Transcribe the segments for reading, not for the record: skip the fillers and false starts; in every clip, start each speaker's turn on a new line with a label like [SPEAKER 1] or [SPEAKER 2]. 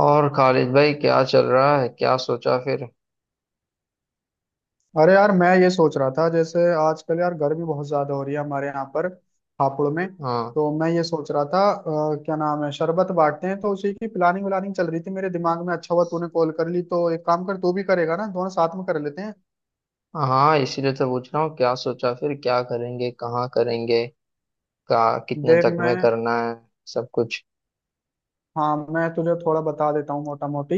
[SPEAKER 1] और खालिद भाई क्या चल रहा है, क्या सोचा फिर।
[SPEAKER 2] अरे यार मैं ये सोच रहा था जैसे आजकल यार गर्मी बहुत ज्यादा हो रही है हमारे यहाँ पर हापुड़ में।
[SPEAKER 1] हाँ।
[SPEAKER 2] तो मैं ये सोच रहा था क्या नाम है, शरबत बांटते हैं तो उसी की प्लानिंग व्लानिंग चल रही थी मेरे दिमाग में। अच्छा हुआ तूने कॉल कर ली, तो एक काम कर, तू भी करेगा ना, दोनों साथ में कर लेते हैं।
[SPEAKER 1] हाँ, इसीलिए तो पूछ रहा हूँ क्या सोचा फिर, क्या करेंगे, कहाँ करेंगे, का कितने
[SPEAKER 2] देख
[SPEAKER 1] तक
[SPEAKER 2] मैं
[SPEAKER 1] में करना है, सब कुछ।
[SPEAKER 2] हाँ मैं तुझे थोड़ा बता देता हूँ, मोटा मोटी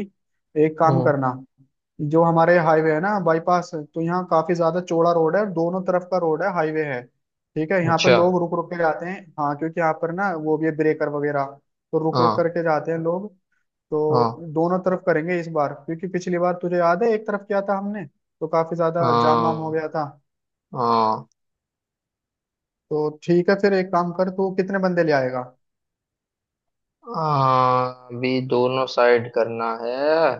[SPEAKER 2] एक काम
[SPEAKER 1] हम्म।
[SPEAKER 2] करना। जो हमारे हाईवे है ना, बाईपास, तो यहाँ काफी ज्यादा चौड़ा रोड है और दोनों तरफ का रोड है, हाईवे है। ठीक है, यहाँ पर
[SPEAKER 1] अच्छा।
[SPEAKER 2] लोग रुक रुक के जाते हैं, हाँ, क्योंकि यहाँ पर ना वो भी है, ब्रेकर वगैरह। तो रुक रुक
[SPEAKER 1] हाँ
[SPEAKER 2] करके जाते हैं लोग। तो
[SPEAKER 1] हाँ।
[SPEAKER 2] दोनों तरफ करेंगे इस बार, क्योंकि पिछली बार तुझे याद है, एक तरफ किया था हमने तो काफी ज्यादा जाम वाम हो
[SPEAKER 1] हाँ।
[SPEAKER 2] गया था।
[SPEAKER 1] हाँ।
[SPEAKER 2] तो ठीक है, फिर एक काम कर, तू कितने बंदे ले आएगा?
[SPEAKER 1] हाँ, अभी दोनों साइड करना है।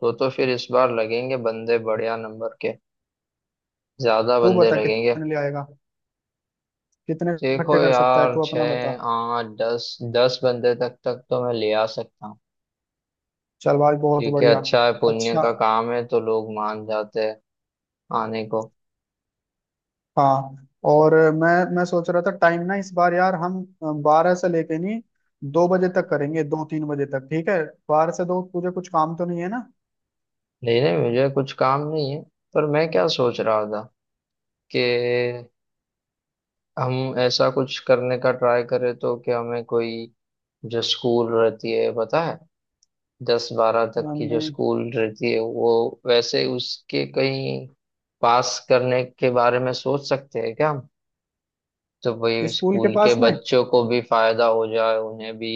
[SPEAKER 1] तो फिर इस बार लगेंगे बंदे बढ़िया नंबर के। ज्यादा
[SPEAKER 2] तू
[SPEAKER 1] बंदे
[SPEAKER 2] बता
[SPEAKER 1] लगेंगे।
[SPEAKER 2] कितने ले आएगा, कितने
[SPEAKER 1] देखो
[SPEAKER 2] इकट्ठे कर सकता है
[SPEAKER 1] यार,
[SPEAKER 2] तू, अपना बता।
[SPEAKER 1] छः आठ दस, 10 बंदे तक तक तो मैं ले आ सकता हूँ।
[SPEAKER 2] चल भाई, बहुत
[SPEAKER 1] ठीक है,
[SPEAKER 2] बढ़िया।
[SPEAKER 1] अच्छा है, पुण्य
[SPEAKER 2] अच्छा।
[SPEAKER 1] का काम है तो लोग मान जाते हैं आने को।
[SPEAKER 2] हाँ। और मैं सोच रहा था, टाइम ना इस बार, यार हम 12 से लेके नहीं, 2 बजे तक करेंगे, 2-3 बजे तक, ठीक है। 12 से 2 तुझे कुछ काम तो नहीं है ना?
[SPEAKER 1] नहीं नहीं, मुझे कुछ काम नहीं है। पर मैं क्या सोच रहा था कि हम ऐसा कुछ करने का ट्राई करें तो, कि हमें कोई जो स्कूल रहती है, पता है, दस बारह तक की
[SPEAKER 2] अम,
[SPEAKER 1] जो स्कूल रहती है, वो, वैसे उसके कहीं पास करने के बारे में सोच सकते हैं क्या हम। तो भाई
[SPEAKER 2] स्कूल के
[SPEAKER 1] स्कूल के
[SPEAKER 2] पास में।
[SPEAKER 1] बच्चों को भी फायदा हो जाए, उन्हें भी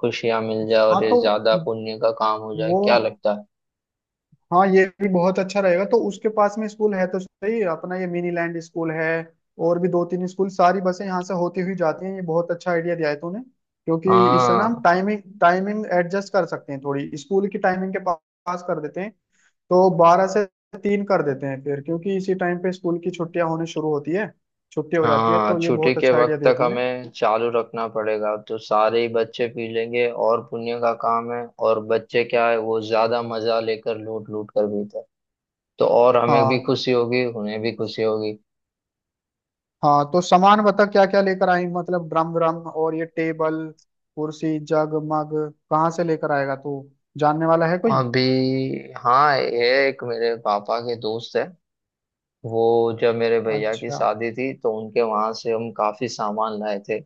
[SPEAKER 1] खुशियां मिल जाए,
[SPEAKER 2] हाँ
[SPEAKER 1] और ये
[SPEAKER 2] तो
[SPEAKER 1] ज्यादा पुण्य का काम हो जाए।
[SPEAKER 2] वो,
[SPEAKER 1] क्या लगता है।
[SPEAKER 2] हाँ ये भी बहुत अच्छा रहेगा, तो उसके पास में स्कूल है तो सही, अपना ये मिनी लैंड स्कूल है और भी दो तीन स्कूल, सारी बसें यहाँ से होती हुई जाती हैं, ये बहुत अच्छा आइडिया दिया है तूने। क्योंकि इससे ना हम
[SPEAKER 1] हाँ।
[SPEAKER 2] टाइमिंग टाइमिंग एडजस्ट कर सकते हैं थोड़ी, स्कूल की टाइमिंग के पास कर देते हैं। तो 12 से 3 कर देते हैं फिर, क्योंकि इसी टाइम पे स्कूल की छुट्टियां होने शुरू होती है, छुट्टी हो जाती है,
[SPEAKER 1] हाँ,
[SPEAKER 2] तो ये
[SPEAKER 1] छुट्टी
[SPEAKER 2] बहुत
[SPEAKER 1] के
[SPEAKER 2] अच्छा आइडिया
[SPEAKER 1] वक्त
[SPEAKER 2] दिया
[SPEAKER 1] तक
[SPEAKER 2] तूने।
[SPEAKER 1] हमें चालू रखना पड़ेगा, तो सारे ही बच्चे पी लेंगे, और पुण्य का काम है, और बच्चे क्या है, वो ज्यादा मजा लेकर लूट लूट कर पीते हैं। तो और हमें भी
[SPEAKER 2] हाँ।
[SPEAKER 1] खुशी होगी, उन्हें भी खुशी होगी।
[SPEAKER 2] हाँ तो सामान बता, क्या क्या लेकर आएंगे, मतलब ड्रम व्रम और ये टेबल, कुर्सी, जग मग कहाँ से लेकर आएगा तू? जानने वाला है कोई?
[SPEAKER 1] अभी। हाँ, ये एक मेरे पापा के दोस्त है, वो, जब मेरे भैया की
[SPEAKER 2] अच्छा।
[SPEAKER 1] शादी थी तो उनके वहां से हम काफी सामान लाए थे।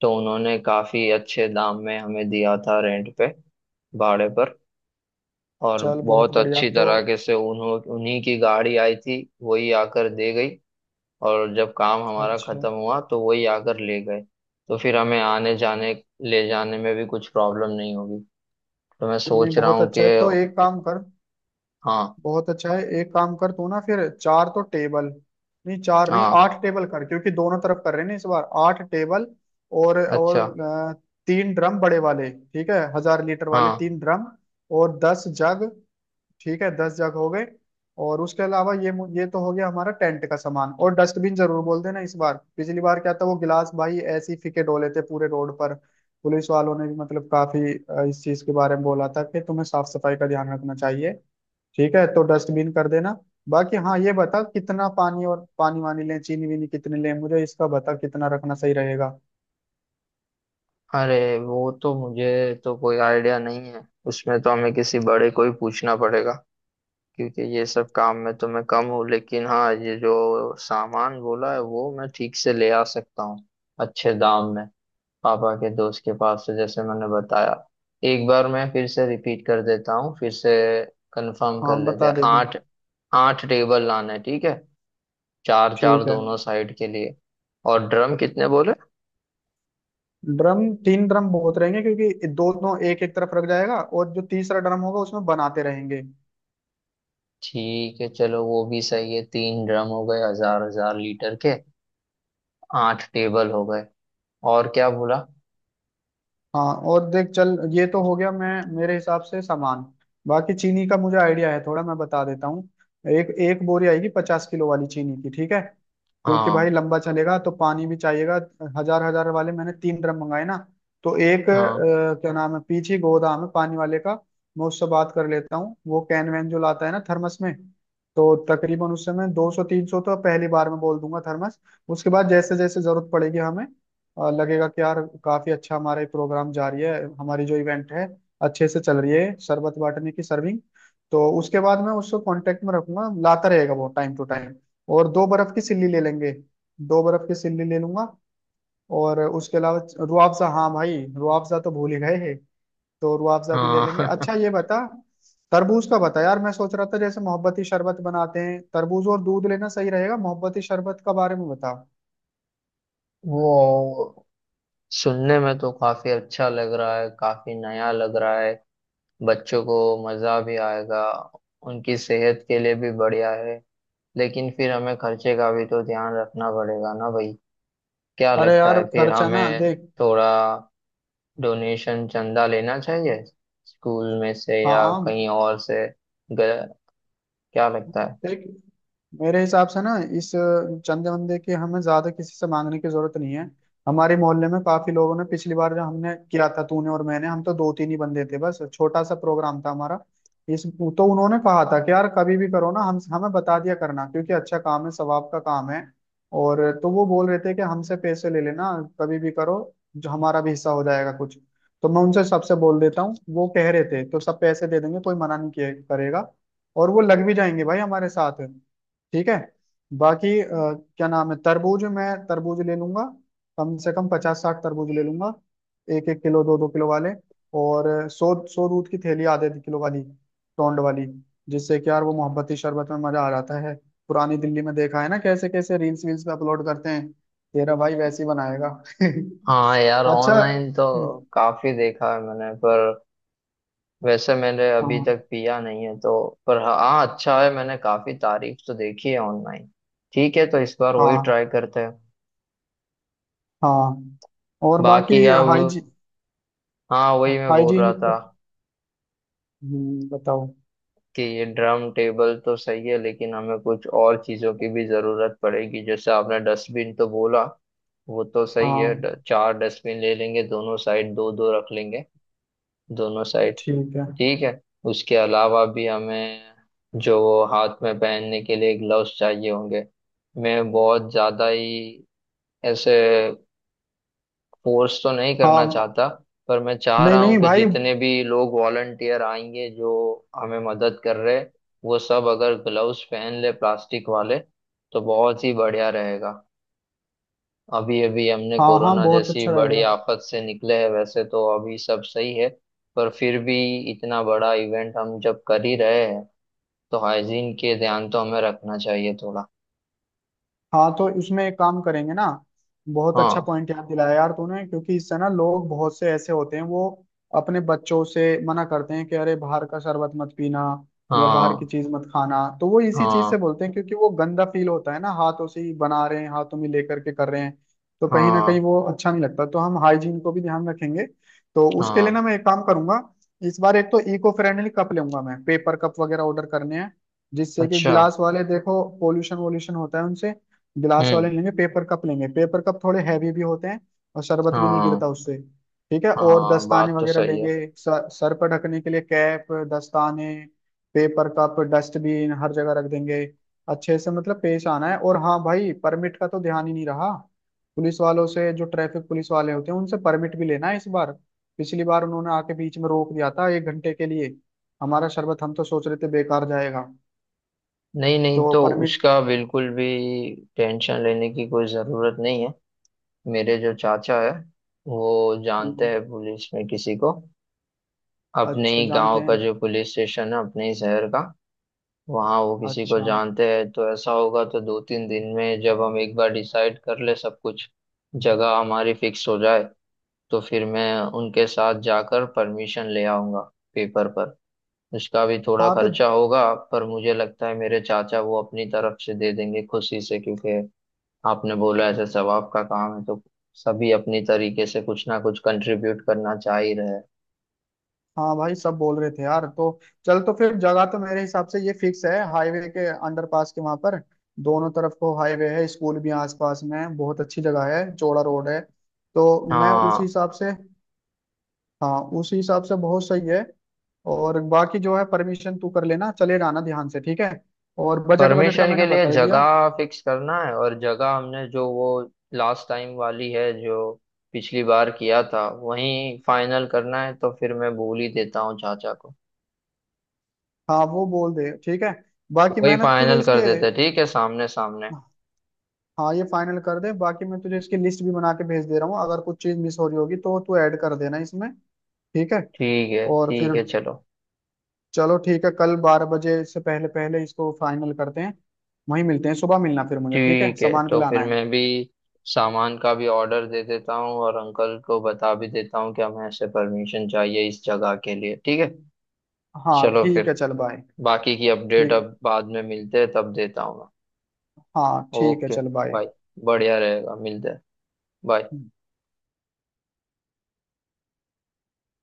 [SPEAKER 1] तो उन्होंने काफी अच्छे दाम में हमें दिया था, रेंट पे, भाड़े पर। और
[SPEAKER 2] चल बहुत
[SPEAKER 1] बहुत
[SPEAKER 2] बढ़िया।
[SPEAKER 1] अच्छी
[SPEAKER 2] तो
[SPEAKER 1] तरीके से उन्हों उन्हीं की गाड़ी आई थी, वही आकर दे गई। और जब काम हमारा
[SPEAKER 2] अच्छा,
[SPEAKER 1] खत्म हुआ तो वही आकर ले गए। तो फिर हमें आने जाने, ले जाने में भी कुछ प्रॉब्लम नहीं होगी। तो मैं
[SPEAKER 2] नहीं
[SPEAKER 1] सोच रहा
[SPEAKER 2] बहुत
[SPEAKER 1] हूँ कि
[SPEAKER 2] अच्छा है, तो एक काम कर,
[SPEAKER 1] हाँ।
[SPEAKER 2] बहुत अच्छा है, एक काम कर तू ना, फिर चार तो टेबल, नहीं चार नहीं
[SPEAKER 1] हाँ।
[SPEAKER 2] आठ टेबल कर, क्योंकि दोनों तरफ कर रहे हैं ना इस बार, आठ टेबल। और
[SPEAKER 1] अच्छा।
[SPEAKER 2] तीन ड्रम बड़े वाले, ठीक है, 1000 लीटर वाले,
[SPEAKER 1] हाँ।
[SPEAKER 2] तीन ड्रम। और 10 जग, ठीक है, 10 जग हो गए। और उसके अलावा ये ये तो हो गया हमारा टेंट का सामान। और डस्टबिन जरूर बोल देना इस बार, पिछली बार क्या था, वो गिलास भाई ऐसे ही फीके डोले थे पूरे रोड पर। पुलिस वालों ने भी मतलब काफी इस चीज के बारे में बोला था कि तुम्हें साफ सफाई का ध्यान रखना चाहिए। ठीक है, तो डस्टबिन कर देना। बाकी हाँ, ये बता कितना पानी और पानी वानी लें, चीनी वीनी कितनी लें, मुझे इसका बता, कितना रखना सही रहेगा।
[SPEAKER 1] अरे वो तो मुझे तो कोई आइडिया नहीं है। उसमें तो हमें किसी बड़े को ही पूछना पड़ेगा, क्योंकि ये सब काम में तो मैं कम हूँ, लेकिन हाँ, ये जो सामान बोला है वो मैं ठीक से ले आ सकता हूँ अच्छे दाम में, पापा के दोस्त के पास से, जैसे मैंने बताया। एक बार मैं फिर से रिपीट कर देता हूँ, फिर से कंफर्म कर
[SPEAKER 2] हाँ
[SPEAKER 1] लेते
[SPEAKER 2] बता
[SPEAKER 1] हैं।
[SPEAKER 2] देना।
[SPEAKER 1] आठ, आठ टेबल लाना है, ठीक है, चार चार
[SPEAKER 2] ठीक है।
[SPEAKER 1] दोनों साइड के लिए। और ड्रम कितने बोले।
[SPEAKER 2] ड्रम, तीन ड्रम बहुत रहेंगे, क्योंकि दोनों एक एक तरफ रख जाएगा और जो तीसरा ड्रम होगा उसमें बनाते रहेंगे।
[SPEAKER 1] ठीक है, चलो वो भी सही है, तीन ड्रम हो गए 1000-1000 लीटर के। आठ टेबल हो गए। और क्या बोला।
[SPEAKER 2] हाँ, और देख चल ये तो हो गया, मैं मेरे हिसाब से सामान। बाकी चीनी का मुझे आइडिया है थोड़ा, मैं बता देता हूँ। एक एक बोरी आएगी, 50 किलो वाली चीनी की, ठीक है, क्योंकि भाई
[SPEAKER 1] हाँ।
[SPEAKER 2] लंबा चलेगा तो पानी भी चाहिएगा। 1000-1000 वाले मैंने तीन ड्रम मंगाए ना। तो एक
[SPEAKER 1] हाँ।
[SPEAKER 2] क्या नाम है, पीछे गोदाम है पानी वाले का, मैं उससे बात कर लेता हूँ। वो कैन वैन जो लाता है ना, थर्मस में, तो तकरीबन उससे मैं 200-300 तो पहली बार में बोल दूंगा थर्मस। उसके बाद जैसे जैसे जरूरत पड़ेगी हमें, लगेगा कि यार काफी अच्छा हमारा ये प्रोग्राम जारी है, हमारी जो इवेंट है अच्छे से चल रही है, शरबत बांटने की सर्विंग, तो उसके बाद मैं उसको कांटेक्ट में रखूंगा, लाता रहेगा वो टाइम टू टाइम। और दो बर्फ की सिल्ली ले लेंगे, दो बर्फ की सिल्ली ले लूंगा। और उसके अलावा रुआफजा, हाँ भाई रुआफजा तो भूल ही गए, तो रुआफजा भी ले लेंगे।
[SPEAKER 1] हाँ
[SPEAKER 2] अच्छा, ये बता तरबूज का बता, यार मैं सोच रहा था जैसे मोहब्बती शरबत बनाते हैं, तरबूज और दूध लेना सही रहेगा, मोहब्बती शरबत का बारे में बता।
[SPEAKER 1] वो, सुनने में तो काफी अच्छा लग रहा है, काफी नया लग रहा है, बच्चों को मजा भी आएगा, उनकी सेहत के लिए भी बढ़िया है, लेकिन फिर हमें खर्चे का भी तो ध्यान रखना पड़ेगा ना भाई। क्या
[SPEAKER 2] अरे
[SPEAKER 1] लगता
[SPEAKER 2] यार
[SPEAKER 1] है, फिर
[SPEAKER 2] खर्चा ना
[SPEAKER 1] हमें
[SPEAKER 2] देख,
[SPEAKER 1] थोड़ा डोनेशन, चंदा लेना चाहिए, स्कूल में से या
[SPEAKER 2] हाँ
[SPEAKER 1] कहीं और से। ग- क्या लगता है।
[SPEAKER 2] देख, मेरे हिसाब से ना, इस चंदे वंदे की हमें ज्यादा किसी से मांगने की जरूरत नहीं है। हमारे मोहल्ले में काफी लोगों ने, पिछली बार जो हमने किया था तूने और मैंने, हम तो दो तीन ही बंदे थे बस, छोटा सा प्रोग्राम था हमारा। इस तो उन्होंने कहा था कि यार कभी भी करो ना, हम हमें बता दिया करना, क्योंकि अच्छा काम है, सवाब का काम है। और तो वो बोल रहे थे कि हमसे पैसे ले लेना कभी भी करो, जो हमारा भी हिस्सा हो जाएगा कुछ। तो मैं उनसे सबसे बोल देता हूँ, वो कह रहे थे तो सब पैसे दे देंगे, कोई मना नहीं किया करेगा, और वो लग भी जाएंगे भाई हमारे साथ, ठीक है। बाकी क्या नाम है, तरबूज, मैं तरबूज ले लूंगा, कम से कम 50-60 तरबूज ले लूंगा, एक एक किलो दो दो किलो वाले। और 100-100 दूध की थैली, आधे आधे किलो वाली, टोंड वाली, जिससे कि यार वो मोहब्बती शरबत में मजा आ जाता है। पुरानी दिल्ली में देखा है ना, कैसे कैसे रील्स वील्स पे अपलोड करते हैं, तेरा भाई वैसे ही बनाएगा।
[SPEAKER 1] हाँ यार,
[SPEAKER 2] अच्छा।
[SPEAKER 1] ऑनलाइन तो काफी देखा है मैंने, पर वैसे मैंने अभी
[SPEAKER 2] हाँ
[SPEAKER 1] तक पिया नहीं है, तो। पर हाँ, हाँ, अच्छा है, मैंने काफी तारीफ तो देखी है ऑनलाइन। ठीक है, तो इस बार वही
[SPEAKER 2] हाँ
[SPEAKER 1] ट्राई करते हैं।
[SPEAKER 2] हाँ। और
[SPEAKER 1] बाकी
[SPEAKER 2] बाकी
[SPEAKER 1] अब, हाँ वही मैं बोल रहा
[SPEAKER 2] हाइजीन,
[SPEAKER 1] था
[SPEAKER 2] बताओ।
[SPEAKER 1] कि ये ड्रम टेबल तो सही है, लेकिन हमें कुछ और चीजों की भी जरूरत पड़ेगी, जैसे आपने डस्टबिन तो बोला, वो तो सही है,
[SPEAKER 2] हाँ
[SPEAKER 1] चार डस्टबिन ले लेंगे, दोनों साइड दो दो रख लेंगे, दोनों साइड।
[SPEAKER 2] ठीक है।
[SPEAKER 1] ठीक है। उसके अलावा भी हमें, जो वो हाथ में पहनने के लिए ग्लव्स चाहिए होंगे। मैं बहुत ज़्यादा ही ऐसे फोर्स तो नहीं करना
[SPEAKER 2] हाँ,
[SPEAKER 1] चाहता, पर मैं चाह
[SPEAKER 2] नहीं
[SPEAKER 1] रहा हूँ
[SPEAKER 2] नहीं
[SPEAKER 1] कि
[SPEAKER 2] भाई,
[SPEAKER 1] जितने भी लोग वॉलंटियर आएंगे, जो हमें मदद कर रहे हैं, वो सब अगर ग्लव्स पहन ले प्लास्टिक वाले, तो बहुत ही बढ़िया रहेगा। अभी अभी हमने
[SPEAKER 2] हाँ हाँ,
[SPEAKER 1] कोरोना
[SPEAKER 2] बहुत
[SPEAKER 1] जैसी
[SPEAKER 2] अच्छा
[SPEAKER 1] बड़ी
[SPEAKER 2] रहेगा।
[SPEAKER 1] आफत से निकले हैं, वैसे तो अभी सब सही है, पर फिर भी इतना बड़ा इवेंट हम जब कर ही रहे हैं, तो हाइजीन के ध्यान तो हमें रखना चाहिए थोड़ा।
[SPEAKER 2] हाँ तो इसमें एक काम करेंगे ना, बहुत अच्छा
[SPEAKER 1] हाँ।
[SPEAKER 2] पॉइंट याद दिलाया यार तूने, क्योंकि इससे ना लोग बहुत से ऐसे होते हैं, वो अपने बच्चों से मना करते हैं कि अरे बाहर का शरबत मत पीना या बाहर की
[SPEAKER 1] हाँ।
[SPEAKER 2] चीज मत खाना। तो वो इसी चीज से
[SPEAKER 1] हाँ।
[SPEAKER 2] बोलते हैं, क्योंकि वो गंदा फील होता है ना, हाथों से ही बना रहे हैं, हाथों में लेकर के कर रहे हैं, तो कहीं ना कहीं
[SPEAKER 1] हाँ।
[SPEAKER 2] वो अच्छा नहीं लगता। तो हम हाइजीन को भी ध्यान रखेंगे, तो उसके लिए ना
[SPEAKER 1] हाँ।
[SPEAKER 2] मैं एक काम करूंगा। इस बार एक तो इको फ्रेंडली कप लूंगा, मैं पेपर कप वगैरह ऑर्डर करने हैं, जिससे कि
[SPEAKER 1] अच्छा।
[SPEAKER 2] गिलास वाले, देखो पोल्यूशन वोल्यूशन होता है उनसे गिलास
[SPEAKER 1] हम्म।
[SPEAKER 2] वाले, लेंगे पेपर कप, लेंगे पेपर कप थोड़े हैवी भी होते हैं, और शरबत भी नहीं
[SPEAKER 1] हाँ।
[SPEAKER 2] गिरता उससे, ठीक है। और
[SPEAKER 1] हाँ,
[SPEAKER 2] दस्ताने
[SPEAKER 1] बात तो
[SPEAKER 2] वगैरह
[SPEAKER 1] सही है।
[SPEAKER 2] लेंगे, सर पर ढकने के लिए कैप, दस्ताने, पेपर कप, डस्टबिन हर जगह रख देंगे, अच्छे से मतलब पेश आना है। और हाँ भाई परमिट का तो ध्यान ही नहीं रहा, पुलिस वालों से, जो ट्रैफिक पुलिस वाले होते हैं, उनसे परमिट भी लेना है इस बार। पिछली बार उन्होंने आके बीच में रोक दिया था 1 घंटे के लिए, हमारा शरबत हम तो सोच रहे थे बेकार जाएगा,
[SPEAKER 1] नहीं नहीं,
[SPEAKER 2] तो
[SPEAKER 1] तो
[SPEAKER 2] परमिट।
[SPEAKER 1] उसका बिल्कुल भी टेंशन लेने की कोई ज़रूरत नहीं है। मेरे जो चाचा है, वो जानते हैं पुलिस में किसी को, अपने
[SPEAKER 2] अच्छा,
[SPEAKER 1] ही गांव
[SPEAKER 2] जानते
[SPEAKER 1] का
[SPEAKER 2] हैं।
[SPEAKER 1] जो पुलिस स्टेशन है, अपने ही शहर का, वहाँ वो किसी को
[SPEAKER 2] अच्छा।
[SPEAKER 1] जानते हैं। तो ऐसा होगा तो 2-3 दिन में, जब हम एक बार डिसाइड कर ले सब कुछ, जगह हमारी फिक्स हो जाए, तो फिर मैं उनके साथ जाकर परमिशन ले आऊंगा, पेपर पर। उसका भी थोड़ा
[SPEAKER 2] हाँ तो,
[SPEAKER 1] खर्चा होगा, पर मुझे लगता है मेरे चाचा वो अपनी तरफ से दे देंगे खुशी से, क्योंकि आपने बोला ऐसे सवाब का काम है, तो सभी अपनी तरीके से कुछ ना कुछ कंट्रीब्यूट करना चाह ही रहे हैं।
[SPEAKER 2] हाँ भाई सब बोल रहे थे यार, तो चल, तो फिर जगह तो मेरे हिसाब से ये फिक्स है, हाईवे के अंडरपास के वहां पर, दोनों तरफ को हाईवे है, स्कूल भी आसपास में है, बहुत अच्छी जगह है, चौड़ा रोड है, तो मैं उस
[SPEAKER 1] हाँ,
[SPEAKER 2] हिसाब से, हाँ उस हिसाब से बहुत सही है। और बाकी जो है परमिशन तू कर लेना, चले जाना ध्यान से, ठीक है। और बजट, बजट का
[SPEAKER 1] परमिशन के
[SPEAKER 2] मैंने
[SPEAKER 1] लिए
[SPEAKER 2] बता ही दिया।
[SPEAKER 1] जगह फिक्स करना है, और जगह हमने जो वो लास्ट टाइम वाली है, जो पिछली बार किया था, वही फाइनल करना है। तो फिर मैं भूल ही देता हूँ चाचा को,
[SPEAKER 2] हाँ वो बोल दे, ठीक है।
[SPEAKER 1] तो
[SPEAKER 2] बाकी
[SPEAKER 1] वही
[SPEAKER 2] मैंने तुझे
[SPEAKER 1] फाइनल
[SPEAKER 2] इसके,
[SPEAKER 1] कर देते हैं, ठीक है, सामने सामने।
[SPEAKER 2] हाँ ये फाइनल कर दे, बाकी मैं तुझे इसकी लिस्ट भी बना के भेज दे रहा हूँ, अगर कुछ चीज़ मिस हो रही होगी तो तू ऐड कर देना इसमें, ठीक है।
[SPEAKER 1] ठीक है,
[SPEAKER 2] और फिर
[SPEAKER 1] ठीक है, चलो।
[SPEAKER 2] चलो, ठीक है, कल 12 बजे से पहले पहले इसको फाइनल करते हैं, वहीं मिलते हैं सुबह, मिलना फिर मुझे, ठीक है,
[SPEAKER 1] ठीक है,
[SPEAKER 2] सामान भी
[SPEAKER 1] तो
[SPEAKER 2] लाना
[SPEAKER 1] फिर
[SPEAKER 2] है।
[SPEAKER 1] मैं भी सामान का भी ऑर्डर दे देता हूँ, और अंकल को बता भी देता हूँ कि हमें ऐसे परमिशन चाहिए इस जगह के लिए। ठीक है,
[SPEAKER 2] हाँ
[SPEAKER 1] चलो
[SPEAKER 2] ठीक
[SPEAKER 1] फिर,
[SPEAKER 2] है चल बाय।
[SPEAKER 1] बाकी की अपडेट
[SPEAKER 2] ठीक।
[SPEAKER 1] अब बाद में मिलते हैं तब देता हूँ मैं।
[SPEAKER 2] हाँ ठीक है
[SPEAKER 1] ओके
[SPEAKER 2] चल बाय।
[SPEAKER 1] भाई, बढ़िया रहेगा, मिलते हैं। बाय।